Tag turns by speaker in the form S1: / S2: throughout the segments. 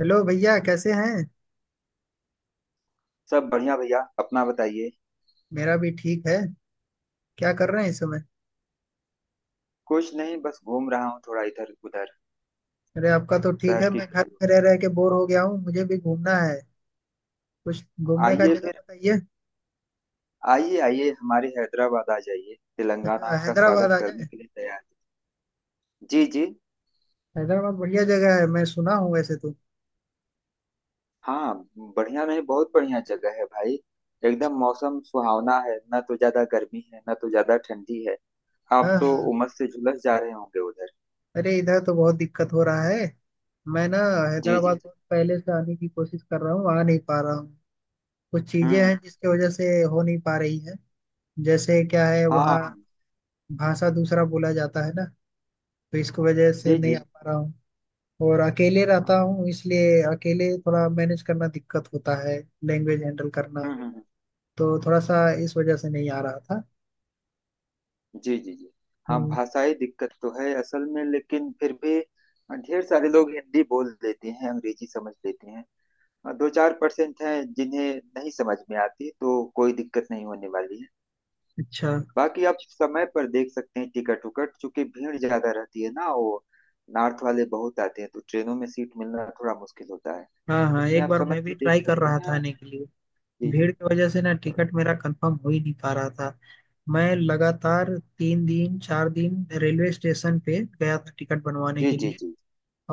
S1: Hello भैया, कैसे हैं?
S2: सब बढ़िया भैया, अपना बताइए।
S1: मेरा भी ठीक है। क्या कर रहे हैं इस समय?
S2: कुछ नहीं, बस घूम रहा हूँ थोड़ा इधर उधर
S1: अरे, आपका तो ठीक
S2: शहर
S1: है,
S2: की
S1: मैं घर
S2: गलियों
S1: में रह रह के बोर हो गया हूँ, मुझे भी घूमना है। कुछ
S2: में।
S1: घूमने का
S2: आइए
S1: जगह
S2: फिर,
S1: बताइए।
S2: आइए आइए हमारे हैदराबाद आ जाइए, तेलंगाना
S1: अच्छा,
S2: आपका
S1: हैदराबाद
S2: स्वागत
S1: आ
S2: करने
S1: जाए।
S2: के लिए तैयार है। जी जी।
S1: हैदराबाद बढ़िया जगह है, मैं सुना हूँ वैसे तो।
S2: हाँ, बढ़िया नहीं बहुत बढ़िया जगह है भाई। एकदम मौसम सुहावना है, ना तो ज्यादा गर्मी है ना तो ज्यादा ठंडी है।
S1: हाँ,
S2: आप तो
S1: हाँ।
S2: उमस से झुलस जा रहे होंगे उधर।
S1: अरे, इधर तो बहुत दिक्कत हो रहा है। मैं ना,
S2: जी जी
S1: हैदराबाद
S2: जी।
S1: बहुत पहले से आने की कोशिश कर रहा हूँ, आ नहीं पा रहा हूँ। कुछ चीजें
S2: हम्म।
S1: हैं जिसकी वजह से हो नहीं पा रही है। जैसे क्या है
S2: हाँ।
S1: वहाँ, भाषा दूसरा बोला जाता है ना, तो इसकी वजह से
S2: जी
S1: नहीं आ
S2: जी।
S1: पा रहा हूँ। और अकेले
S2: हाँ,
S1: रहता हूँ, इसलिए अकेले थोड़ा मैनेज करना दिक्कत होता है। लैंग्वेज हैंडल करना,
S2: हम्म हम्म हम्म।
S1: तो थोड़ा सा इस वजह से नहीं आ रहा था।
S2: जी जी जी। हाँ,
S1: हम्म।
S2: भाषाई दिक्कत तो है असल में, लेकिन फिर भी हाँ, ढेर सारे लोग हिंदी बोल लेते हैं, अंग्रेजी समझ लेते हैं। और दो चार परसेंट हैं जिन्हें नहीं समझ में आती, तो कोई दिक्कत नहीं होने वाली है।
S1: अच्छा।
S2: बाकी आप समय पर देख सकते हैं टिकट उकट, चूंकि भीड़ ज्यादा रहती है ना, वो नॉर्थ वाले बहुत आते हैं तो ट्रेनों में सीट मिलना थोड़ा मुश्किल होता है।
S1: हाँ, हाँ,
S2: इसलिए
S1: एक
S2: आप
S1: बार
S2: समय
S1: मैं
S2: पर
S1: भी ट्राई
S2: देख
S1: कर
S2: सकते
S1: रहा था
S2: हैं।
S1: आने के लिए।
S2: जी
S1: भीड़
S2: जी
S1: की वजह से ना टिकट मेरा कंफर्म हो ही नहीं पा रहा था। मैं लगातार 3 दिन 4 दिन रेलवे स्टेशन पे गया था टिकट बनवाने
S2: जी।
S1: के लिए।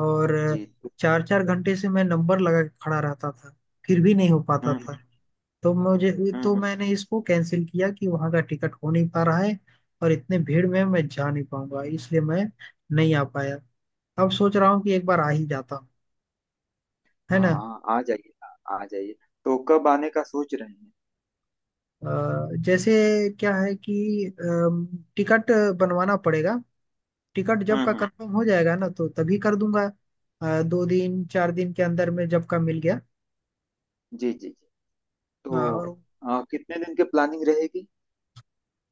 S1: और
S2: जी तो,
S1: चार चार घंटे से मैं नंबर लगा के खड़ा रहता था, फिर भी नहीं हो पाता
S2: हम्म
S1: था। तो मुझे,
S2: हम्म
S1: तो
S2: हम्म
S1: मैंने इसको कैंसिल किया कि वहां का टिकट हो नहीं पा रहा है, और इतने भीड़ में मैं जा नहीं पाऊंगा, इसलिए मैं नहीं आ पाया। अब सोच रहा हूँ कि एक बार आ ही जाता हूँ, है
S2: हाँ
S1: ना।
S2: हाँ, आ जाइए, आ जाइए। तो कब आने का सोच रहे हैं?
S1: जैसे क्या है कि टिकट बनवाना पड़ेगा। टिकट जब का
S2: हम्म।
S1: कंफर्म हो जाएगा ना तो तभी कर दूंगा। दो दिन चार दिन के अंदर में जब का मिल गया।
S2: जी जी जी। तो
S1: और
S2: कितने दिन की प्लानिंग रहेगी?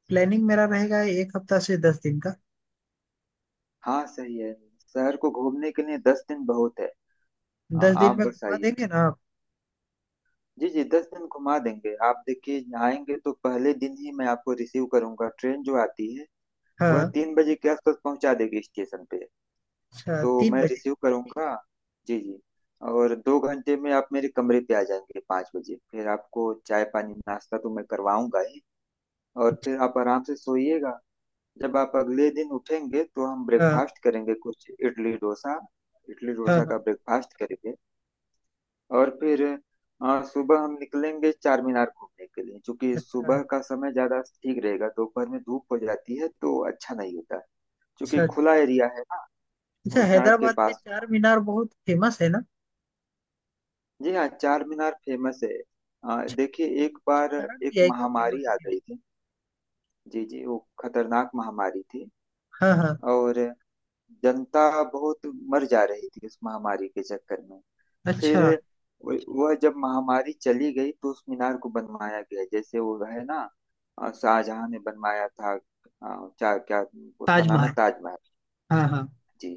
S1: प्लानिंग मेरा रहेगा एक हफ्ता से 10 दिन का।
S2: हाँ सही है, शहर को घूमने के लिए 10 दिन बहुत है।
S1: 10 दिन
S2: आप
S1: में
S2: बस
S1: घुमा
S2: आइए।
S1: देंगे ना आप?
S2: जी जी, 10 दिन घुमा देंगे। आप देखिए, आएंगे तो पहले दिन ही मैं आपको रिसीव करूंगा। ट्रेन जो आती है वह
S1: हाँ।
S2: 3 बजे के आसपास पहुंचा देगी स्टेशन पे,
S1: अच्छा,
S2: तो
S1: तीन
S2: मैं
S1: बजे
S2: रिसीव करूंगा। जी जी। और 2 घंटे में आप मेरे कमरे पे आ जाएंगे 5 बजे, फिर आपको चाय पानी नाश्ता तो मैं करवाऊंगा ही। और
S1: अच्छा।
S2: फिर आप आराम से सोइएगा। जब आप अगले दिन उठेंगे तो हम
S1: हाँ,
S2: ब्रेकफास्ट करेंगे, कुछ इडली डोसा, इडली
S1: हाँ,
S2: डोसा का
S1: हाँ।
S2: ब्रेकफास्ट करेंगे। और फिर सुबह हम निकलेंगे चार मीनार घूमने के लिए, क्योंकि
S1: अच्छा।
S2: सुबह का समय ज्यादा ठीक रहेगा, दोपहर में धूप हो जाती है तो अच्छा नहीं होता, क्योंकि
S1: अच्छा।
S2: खुला एरिया है ना,
S1: अच्छा,
S2: वो सड़क के
S1: हैदराबाद में
S2: पास।
S1: चार मीनार बहुत फेमस है ना?
S2: जी हाँ, चार मीनार फेमस है।
S1: अच्छा,
S2: देखिए एक बार,
S1: कारण
S2: एक
S1: भी है क्या फेमस
S2: महामारी आ
S1: होने
S2: गई थी। जी जी, वो खतरनाक महामारी थी।
S1: का? हाँ, हाँ।
S2: और जनता बहुत मर जा रही थी उस महामारी के चक्कर में।
S1: अच्छा।
S2: फिर वह जब महामारी चली गई तो उस मीनार को बनवाया गया, जैसे वो है ना, शाहजहां ने बनवाया था, चार क्या, उसका नाम है
S1: ताजमहल।
S2: ताजमहल।
S1: हाँ, हाँ।
S2: जी।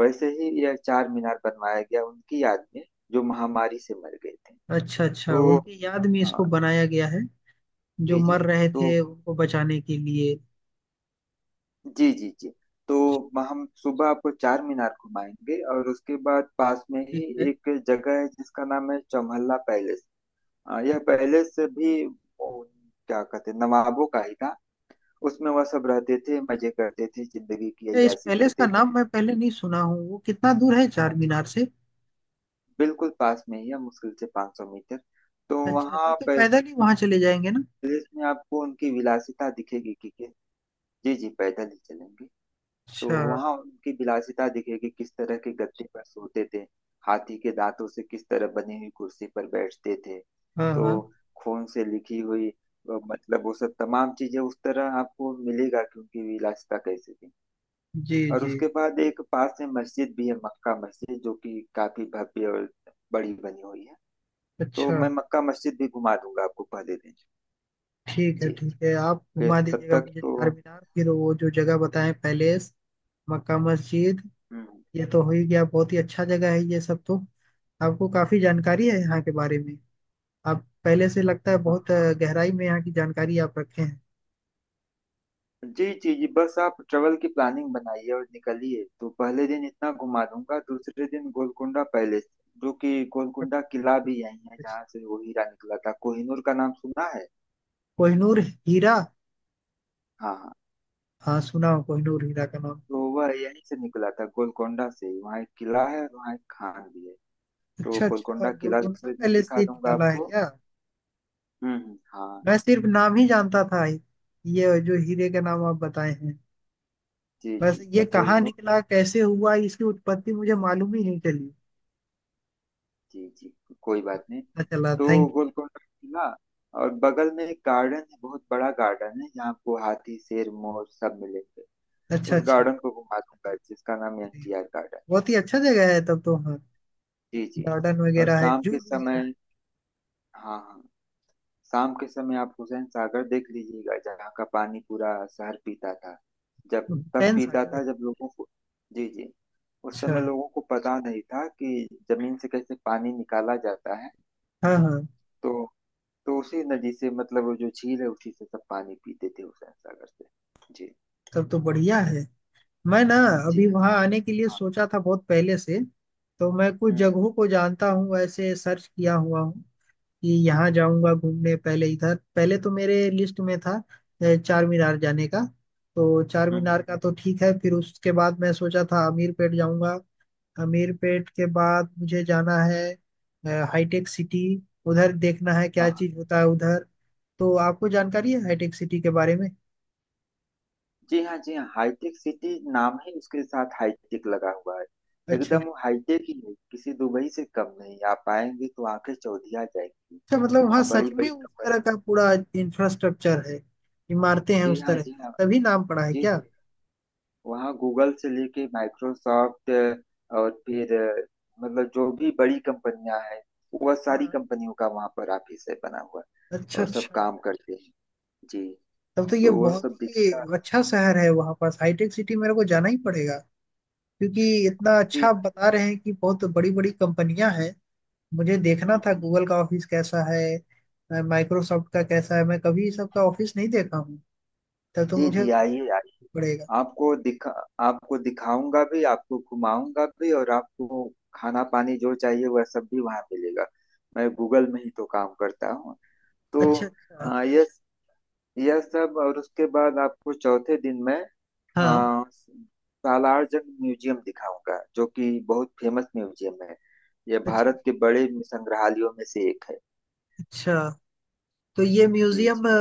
S2: वैसे ही यह चार मीनार बनवाया गया, उनकी याद में, जो महामारी से मर गए थे।
S1: अच्छा, अच्छा,
S2: तो
S1: उनकी याद में
S2: अ,
S1: इसको बनाया गया है। जो
S2: जी जी।
S1: मर रहे
S2: तो
S1: थे उनको बचाने के लिए।
S2: जी जी जी। तो हम सुबह आपको चार मीनार घुमाएंगे, और उसके बाद पास में ही
S1: ठीक है।
S2: एक जगह है जिसका नाम है चौमहला पैलेस। यह पैलेस भी क्या कहते हैं, नवाबों का ही था। उसमें वह सब रहते थे, मजे करते थे, जिंदगी की
S1: ए, इस
S2: अय्याशी
S1: पैलेस का
S2: करते थे।
S1: नाम मैं पहले नहीं सुना हूँ। वो कितना दूर है
S2: हाँ
S1: चार
S2: जी
S1: मीनार
S2: जी,
S1: से?
S2: बिल्कुल पास में ही है, मुश्किल से 500 मीटर। तो
S1: अच्छा, तब
S2: वहाँ
S1: तो
S2: पैलेस
S1: पैदल ही वहां चले जाएंगे ना।
S2: में आपको उनकी विलासिता दिखेगी कि जी जी, पैदल ही चलेंगे। तो
S1: अच्छा।
S2: वहां उनकी विलासिता दिखेगी, किस तरह के गद्दे पर सोते थे, हाथी के दांतों से किस तरह बनी हुई कुर्सी पर बैठते थे।
S1: हाँ,
S2: तो
S1: हाँ।
S2: खून से लिखी हुई मतलब वो सब तमाम चीजें उस तरह आपको मिलेगा कि उनकी विलासिता कैसे थी।
S1: जी,
S2: और
S1: जी।
S2: उसके बाद एक पास में मस्जिद भी है, मक्का मस्जिद, जो कि काफी भव्य और बड़ी बनी हुई है। तो
S1: अच्छा।
S2: मैं मक्का मस्जिद भी घुमा दूंगा आपको पहले दिन।
S1: ठीक है,
S2: जी,
S1: ठीक है, आप
S2: फिर
S1: घुमा
S2: तब
S1: दीजिएगा
S2: तक
S1: मुझे
S2: तो,
S1: चार मीनार, फिर वो जो जगह बताएं पैलेस, मक्का मस्जिद।
S2: हम्म,
S1: ये तो हो ही गया, बहुत ही अच्छा जगह है ये सब तो। आपको काफी जानकारी है यहाँ के बारे में। आप पहले से लगता है
S2: हाँ।
S1: बहुत गहराई में यहाँ की जानकारी आप रखे हैं।
S2: जी जी जी, बस आप ट्रेवल की प्लानिंग बनाइए और निकलिए, तो पहले दिन इतना घुमा दूंगा, दूसरे दिन गोलकुंडा पैलेस, जो कि गोलकुंडा किला भी यही है, जहाँ से वो हीरा निकला था, कोहिनूर का नाम सुना है?
S1: कोहिनूर हीरा।
S2: हाँ हाँ।
S1: हाँ, सुना हो कोहिनूर हीरा का नाम।
S2: तो वह यहीं से निकला था, गोलकुंडा से ही। वहाँ एक किला है और वहाँ एक खान भी है। तो
S1: अच्छा, अच्छा,
S2: गोलकुंडा किला
S1: गोलकुंडा
S2: दूसरे दिन
S1: पहले से
S2: दिखा
S1: ही
S2: दूंगा
S1: निकाला है
S2: आपको।
S1: क्या?
S2: हाँ।
S1: मैं सिर्फ नाम ही जानता था। ये जो हीरे का नाम आप बताए हैं,
S2: जी
S1: बस
S2: जी।
S1: ये कहाँ
S2: कोहिनूर,
S1: निकला कैसे हुआ इसकी उत्पत्ति मुझे मालूम ही नहीं चली।
S2: जी जी, कोई बात नहीं।
S1: अच्छा, चला
S2: तो
S1: थैंक
S2: गोलकोंडा किला, और बगल में एक गार्डन है, बहुत बड़ा गार्डन है जहाँ आपको हाथी शेर मोर सब मिलेंगे।
S1: यू। अच्छा,
S2: उस
S1: अच्छा।
S2: गार्डन को घुमा दूंगा जिसका नाम है एनटीआर गार्डन।
S1: बहुत ही अच्छा जगह है तब तो। हाँ,
S2: जी जी।
S1: गार्डन
S2: और
S1: वगैरह है,
S2: शाम
S1: जू
S2: के
S1: भी है।
S2: समय, हाँ हाँ, शाम के समय आप हुसैन सागर देख लीजिएगा, जहाँ का पानी पूरा शहर पीता था, जब तब
S1: हुसैन
S2: पीता
S1: सागर।
S2: था जब लोगों को, जी जी, उस
S1: अच्छा।
S2: समय लोगों को पता नहीं था कि जमीन से कैसे पानी निकाला जाता है।
S1: हाँ, हाँ।
S2: तो तो उसी नदी से, मतलब वो जो झील है उसी से सब पानी पीते थे, हुसैन सागर से। जी
S1: तब तो बढ़िया है। मैं ना,
S2: जी।
S1: अभी
S2: हाँ
S1: वहाँ आने के लिए
S2: हाँ।
S1: सोचा था बहुत पहले से। तो मैं कुछ
S2: हम्म हम्म
S1: जगहों को जानता हूँ, ऐसे सर्च किया हुआ हूँ कि यहाँ जाऊँगा घूमने। पहले इधर पहले तो मेरे लिस्ट में था चार मीनार जाने का। तो चार
S2: हम्म, हम्म।
S1: मीनार का तो ठीक है, फिर उसके बाद मैं सोचा था आमीर पेट जाऊँगा। अमीरपेट के बाद मुझे जाना है हाईटेक सिटी। उधर देखना है
S2: हाँ
S1: क्या
S2: हाँ।
S1: चीज होता है उधर। तो आपको जानकारी है हाईटेक सिटी के बारे में?
S2: जी हाँ जी हाँ, हाईटेक सिटी नाम है उसके साथ हाईटेक लगा हुआ है,
S1: अच्छा।
S2: एकदम वो हाईटेक ही है, किसी दुबई से कम नहीं, आप आएंगे तो आंखें चौधिया जाएंगी।
S1: अच्छा, मतलब वहाँ
S2: वहाँ बड़ी
S1: सच में
S2: बड़ी
S1: उस
S2: कंपनी,
S1: तरह का पूरा इंफ्रास्ट्रक्चर है, इमारतें हैं
S2: जी
S1: उस
S2: हाँ
S1: तरह की।
S2: जी हाँ,
S1: तभी नाम पड़ा है
S2: जी
S1: क्या?
S2: जी। वहाँ गूगल से लेके माइक्रोसॉफ्ट, और फिर मतलब जो भी बड़ी कंपनियां हैं, वह सारी
S1: हाँ।
S2: कंपनियों का वहाँ पर ऑफिस है बना हुआ,
S1: अच्छा,
S2: और सब
S1: अच्छा।
S2: काम करते हैं। जी,
S1: तब तो ये
S2: तो वह
S1: बहुत
S2: सब
S1: ही
S2: दिखेगा।
S1: अच्छा शहर है। वहाँ पास हाईटेक सिटी मेरे को जाना ही पड़ेगा क्योंकि इतना
S2: जी।
S1: अच्छा आप बता रहे हैं कि बहुत बड़ी बड़ी कंपनियां हैं। मुझे देखना
S2: हम्म
S1: था
S2: हम्म।
S1: गूगल का ऑफिस कैसा है, माइक्रोसॉफ्ट का कैसा है, मैं कभी सबका ऑफिस नहीं देखा हूँ। तब तो
S2: जी
S1: मुझे
S2: जी, आइए आइए,
S1: पड़ेगा।
S2: आपको दिखा, आपको दिखाऊंगा भी, आपको घुमाऊंगा भी, और आपको खाना पानी जो चाहिए वह सब भी वहाँ मिलेगा। मैं गूगल में ही तो काम करता हूँ। तो
S1: अच्छा, अच्छा।
S2: अ, यह यह सब, और उसके बाद आपको चौथे दिन में
S1: हाँ।
S2: अ, सालार जंग म्यूजियम दिखाऊंगा, जो कि बहुत फेमस म्यूजियम है। यह
S1: अच्छा,
S2: भारत के बड़े संग्रहालयों में से एक है।
S1: अच्छा। तो ये
S2: जी
S1: म्यूजियम
S2: जी।
S1: अ,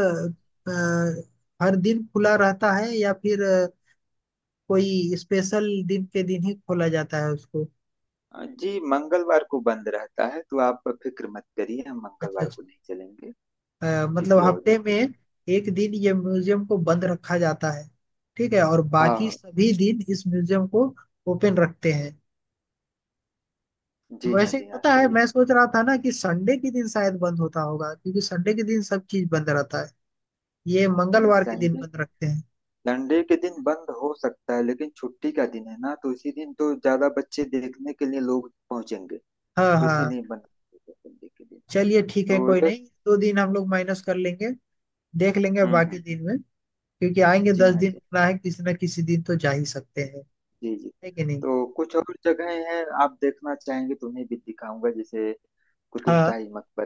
S1: अ, हर दिन खुला रहता है या फिर कोई स्पेशल दिन के दिन ही खोला जाता है उसको?
S2: जी, मंगलवार को बंद रहता है, तो आप फिक्र मत करिए, हम
S1: अच्छा,
S2: मंगलवार
S1: अच्छा।
S2: को नहीं चलेंगे,
S1: मतलब
S2: किसी और दिन
S1: हफ्ते में
S2: चलेंगे।
S1: एक दिन ये म्यूजियम को बंद रखा जाता है। ठीक है, और बाकी
S2: हाँ।
S1: सभी दिन इस म्यूजियम को ओपन रखते हैं।
S2: जी हाँ
S1: वैसे
S2: जी हाँ,
S1: पता है,
S2: सही।
S1: मैं सोच रहा था ना कि संडे के दिन शायद बंद होता होगा, क्योंकि संडे के दिन सब चीज बंद रहता है। ये
S2: नहीं नहीं,
S1: मंगलवार के दिन
S2: संडे,
S1: बंद रखते हैं।
S2: संडे के दिन बंद हो सकता है, लेकिन छुट्टी का दिन है ना, तो इसी दिन तो ज्यादा बच्चे देखने के लिए लोग पहुंचेंगे,
S1: हाँ,
S2: तो
S1: हाँ।
S2: इसीलिए बंद होगा संडे के दिन।
S1: चलिए, ठीक है, कोई
S2: तो यस।
S1: नहीं, 2 दिन हम लोग माइनस कर लेंगे, देख लेंगे
S2: हम्म
S1: बाकी
S2: हम्म,
S1: दिन में। क्योंकि आएंगे
S2: जी
S1: दस
S2: हाँ,
S1: दिन
S2: जी।
S1: रुकना है, किसी ना किसी दिन तो जा ही सकते हैं,
S2: जी जी।
S1: है कि नहीं।
S2: तो कुछ और जगहें हैं आप देखना चाहेंगे तो उन्हें भी दिखाऊंगा, जैसे कुतुब
S1: हाँ,
S2: शाही मकबर,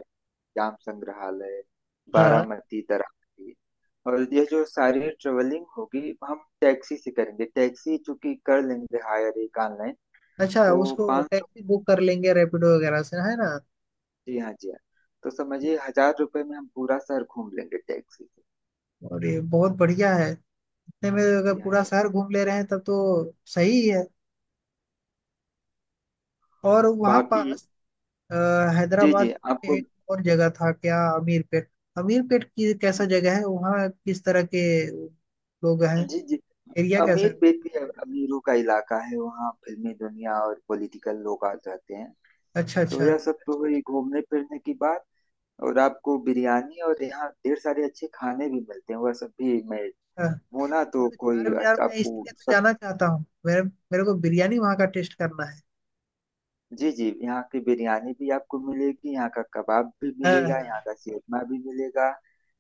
S2: जाम संग्रहालय,
S1: हाँ।
S2: बारामती दरामती। और यह जो सारी ट्रेवलिंग होगी, हम टैक्सी से करेंगे, टैक्सी चूंकि कर लेंगे हायर एक ऑनलाइन।
S1: अच्छा,
S2: तो
S1: उसको
S2: 500,
S1: टैक्सी बुक कर लेंगे रैपिडो वगैरह से, है ना।
S2: जी हाँ जी हाँ, तो समझिए हजार रुपये में हम पूरा शहर घूम लेंगे टैक्सी से।
S1: और ये बहुत बढ़िया है, इतने में अगर
S2: जी हाँ
S1: पूरा
S2: जी हाँ।
S1: शहर घूम ले रहे हैं तब तो सही है। और वहाँ
S2: बाकी,
S1: पास अ,
S2: जी जी,
S1: हैदराबाद में
S2: आपको,
S1: एक और जगह था क्या, अमीरपेट? अमीरपेट की कैसा जगह है? वहाँ किस तरह के लोग हैं,
S2: जी जी,
S1: एरिया कैसा
S2: अमीर
S1: है?
S2: पेट भी अमीरों का इलाका है, वहाँ फिल्मी दुनिया और पॉलिटिकल लोग आ जाते हैं।
S1: अच्छा,
S2: तो
S1: अच्छा।
S2: यह सब तो हुई घूमने फिरने की बात, और आपको बिरयानी और यहाँ ढेर सारे अच्छे खाने भी मिलते हैं, वह सब भी मैं
S1: हाँ,
S2: होना तो
S1: मतलब
S2: कोई
S1: चार मीनार में
S2: आपको
S1: इसीलिए तो
S2: सब,
S1: जाना चाहता हूँ, मेरे मेरे को बिरयानी वहाँ का टेस्ट करना है।
S2: जी जी, यहाँ की बिरयानी भी आपको मिलेगी, यहाँ का कबाब भी
S1: हाँ,
S2: मिलेगा,
S1: हाँ।
S2: यहाँ का सेतमा भी मिलेगा,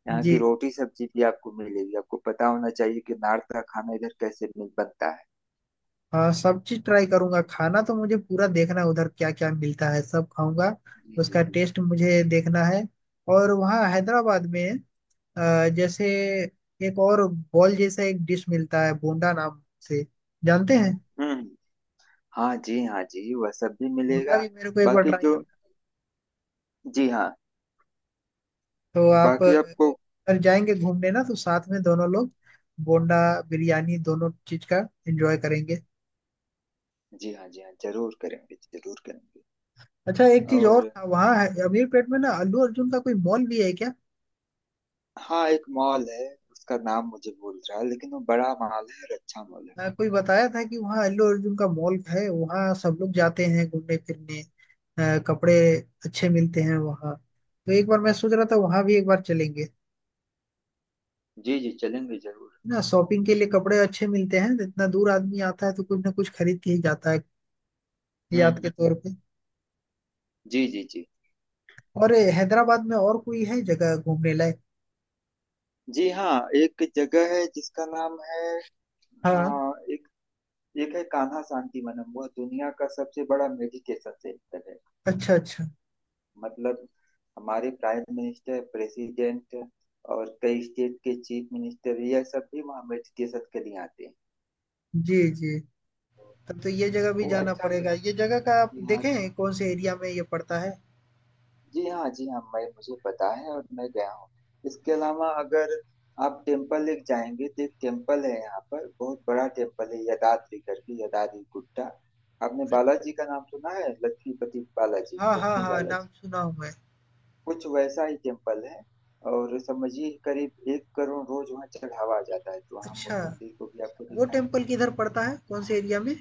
S2: यहाँ
S1: जी
S2: की रोटी सब्जी भी आपको मिलेगी। आपको पता होना चाहिए कि नॉर्थ का खाना इधर कैसे मिल बनता है।
S1: हाँ, सब चीज ट्राई करूंगा, खाना तो मुझे पूरा देखना है उधर क्या क्या मिलता है, सब खाऊंगा।
S2: जी जी
S1: उसका
S2: जी।
S1: टेस्ट मुझे देखना है। और वहाँ हैदराबाद में जैसे एक और बॉल जैसा एक डिश मिलता है, बोंडा नाम से, जानते हैं?
S2: हम्म। हाँ जी हाँ जी, वह सब भी
S1: बोंडा
S2: मिलेगा।
S1: भी मेरे को एक बार
S2: बाकी
S1: ट्राई
S2: जो,
S1: करना है।
S2: जी हाँ,
S1: तो आप
S2: बाकी आपको,
S1: अगर जाएंगे घूमने ना, तो साथ में दोनों लोग बोंडा बिरयानी दोनों चीज का एंजॉय करेंगे।
S2: जी हाँ जी हाँ, जरूर करेंगे जरूर करेंगे।
S1: अच्छा, एक चीज और
S2: और
S1: था, वहाँ अमीरपेट में ना अल्लू अर्जुन का कोई मॉल भी है क्या?
S2: हाँ, एक मॉल है, उसका नाम मुझे भूल रहा है, लेकिन वो बड़ा मॉल है और अच्छा मॉल है।
S1: कोई बताया था कि वहाँ अल्लू अर्जुन का मॉल है, वहाँ सब लोग जाते हैं घूमने फिरने। कपड़े अच्छे मिलते हैं वहाँ, तो एक बार मैं सोच रहा था वहाँ भी एक बार चलेंगे
S2: जी जी, चलेंगे जरूर।
S1: ना शॉपिंग के लिए। कपड़े अच्छे मिलते हैं, इतना दूर आदमी आता है तो कुछ ना कुछ खरीद के ही जाता है,
S2: हम्म
S1: याद के
S2: हम्म,
S1: तौर पे।
S2: जी जी जी।
S1: और ये हैदराबाद में और कोई है जगह घूमने लायक?
S2: जी हाँ, एक जगह है जिसका नाम है,
S1: हाँ।
S2: हाँ एक, एक है कान्हा शांति वनम, वह दुनिया का सबसे बड़ा मेडिटेशन सेंटर है।
S1: अच्छा, अच्छा।
S2: मतलब हमारे प्राइम मिनिस्टर, प्रेसिडेंट, और कई स्टेट के चीफ मिनिस्टर, यह सब भी वहाँ मेडिटेशन के लिए आते हैं।
S1: जी, जी। तब तो ये जगह भी
S2: वो
S1: जाना
S2: अच्छा
S1: पड़ेगा, ये जगह का आप
S2: जी हाँ,
S1: देखें कौन से एरिया में ये पड़ता है।
S2: जी हाँ जी हाँ, मैं मुझे पता है, और मैं गया हूँ। इसके अलावा अगर आप टेम्पल लेक जाएंगे, तो एक टेम्पल है यहाँ पर, बहुत बड़ा टेम्पल है, यदाद्री करके, यदाद्री गुट्टा। आपने
S1: अच्छा।
S2: बालाजी का नाम सुना है, लक्ष्मीपति बालाजी,
S1: हाँ, हाँ,
S2: लक्ष्मी
S1: हाँ, नाम
S2: बालाजी,
S1: सुना हूँ मैं।
S2: कुछ वैसा ही टेम्पल है। और समझिए करीब एक करोड़ रोज वहाँ चढ़ावा जाता है, तो हम उस
S1: अच्छा,
S2: मंदिर को भी आपको
S1: वो टेम्पल
S2: दिखाएंगे।
S1: किधर पड़ता है, कौन से एरिया में?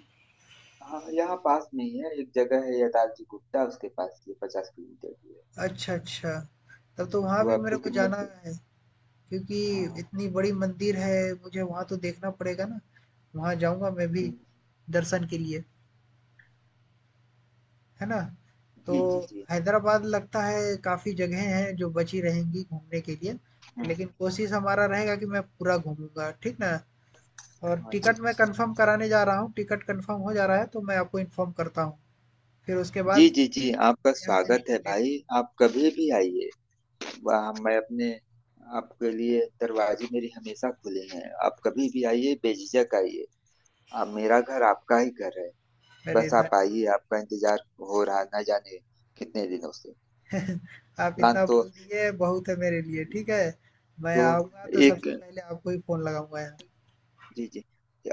S2: हाँ, यहाँ पास में ही है, एक जगह है यदाद्री गुप्ता उसके पास, ये 50 किलोमीटर दूर है।
S1: अच्छा, अच्छा, तब
S2: जी
S1: तो वहां
S2: तो
S1: भी
S2: आप
S1: मेरे को
S2: फिक्र
S1: जाना
S2: मत कर-
S1: है, क्योंकि
S2: हाँ,
S1: इतनी बड़ी मंदिर है, मुझे वहाँ तो देखना पड़ेगा ना। वहाँ जाऊँगा मैं
S2: जी
S1: भी दर्शन के लिए, है ना? तो
S2: जी जी जी।
S1: हैदराबाद लगता है काफ़ी जगहें हैं जो बची रहेंगी घूमने के लिए,
S2: हम्म,
S1: लेकिन कोशिश हमारा रहेगा कि मैं पूरा घूमूँगा, ठीक ना? और
S2: हाँ। जी
S1: टिकट मैं कंफर्म कराने जा रहा हूँ, टिकट कंफर्म हो जा रहा है तो मैं आपको इन्फॉर्म करता हूँ। फिर उसके
S2: जी
S1: बाद
S2: जी,
S1: मैं
S2: जी आपका
S1: यहाँ से
S2: स्वागत है
S1: निकल लेता
S2: भाई, आप कभी भी आइए। वहाँ मैं अपने, आपके लिए दरवाजे मेरे हमेशा खुले हैं, आप कभी भी आइए, बेझिझक आइए। आप, मेरा घर आपका ही घर है।
S1: हूँ। अरे,
S2: बस आप आइए,
S1: धन्यवाद!
S2: आपका इंतजार हो रहा ना जाने कितने दिनों से।
S1: आप
S2: प्लान
S1: इतना
S2: तो
S1: बोल दिए बहुत है मेरे लिए, ठीक है? मैं
S2: तो
S1: आऊँगा तो
S2: एक,
S1: सबसे पहले आपको ही फ़ोन लगाऊँगा यहाँ।
S2: जी जी,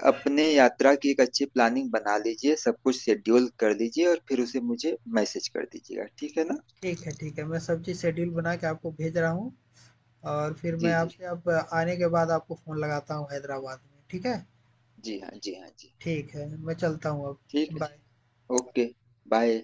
S2: अपने यात्रा की एक अच्छी प्लानिंग बना लीजिए, सब कुछ शेड्यूल कर लीजिए और फिर उसे मुझे मैसेज कर दीजिएगा, ठीक है ना।
S1: ठीक है, ठीक है। मैं सब चीज़ शेड्यूल बना के आपको भेज रहा हूँ, और फिर
S2: जी
S1: मैं
S2: जी
S1: आपसे अब आने के बाद आपको फ़ोन लगाता हूँ हैदराबाद में, ठीक है?
S2: जी। हाँ जी हाँ जी।
S1: ठीक है, मैं चलता हूँ अब,
S2: ठीक है।
S1: बाय।
S2: Okay, bye.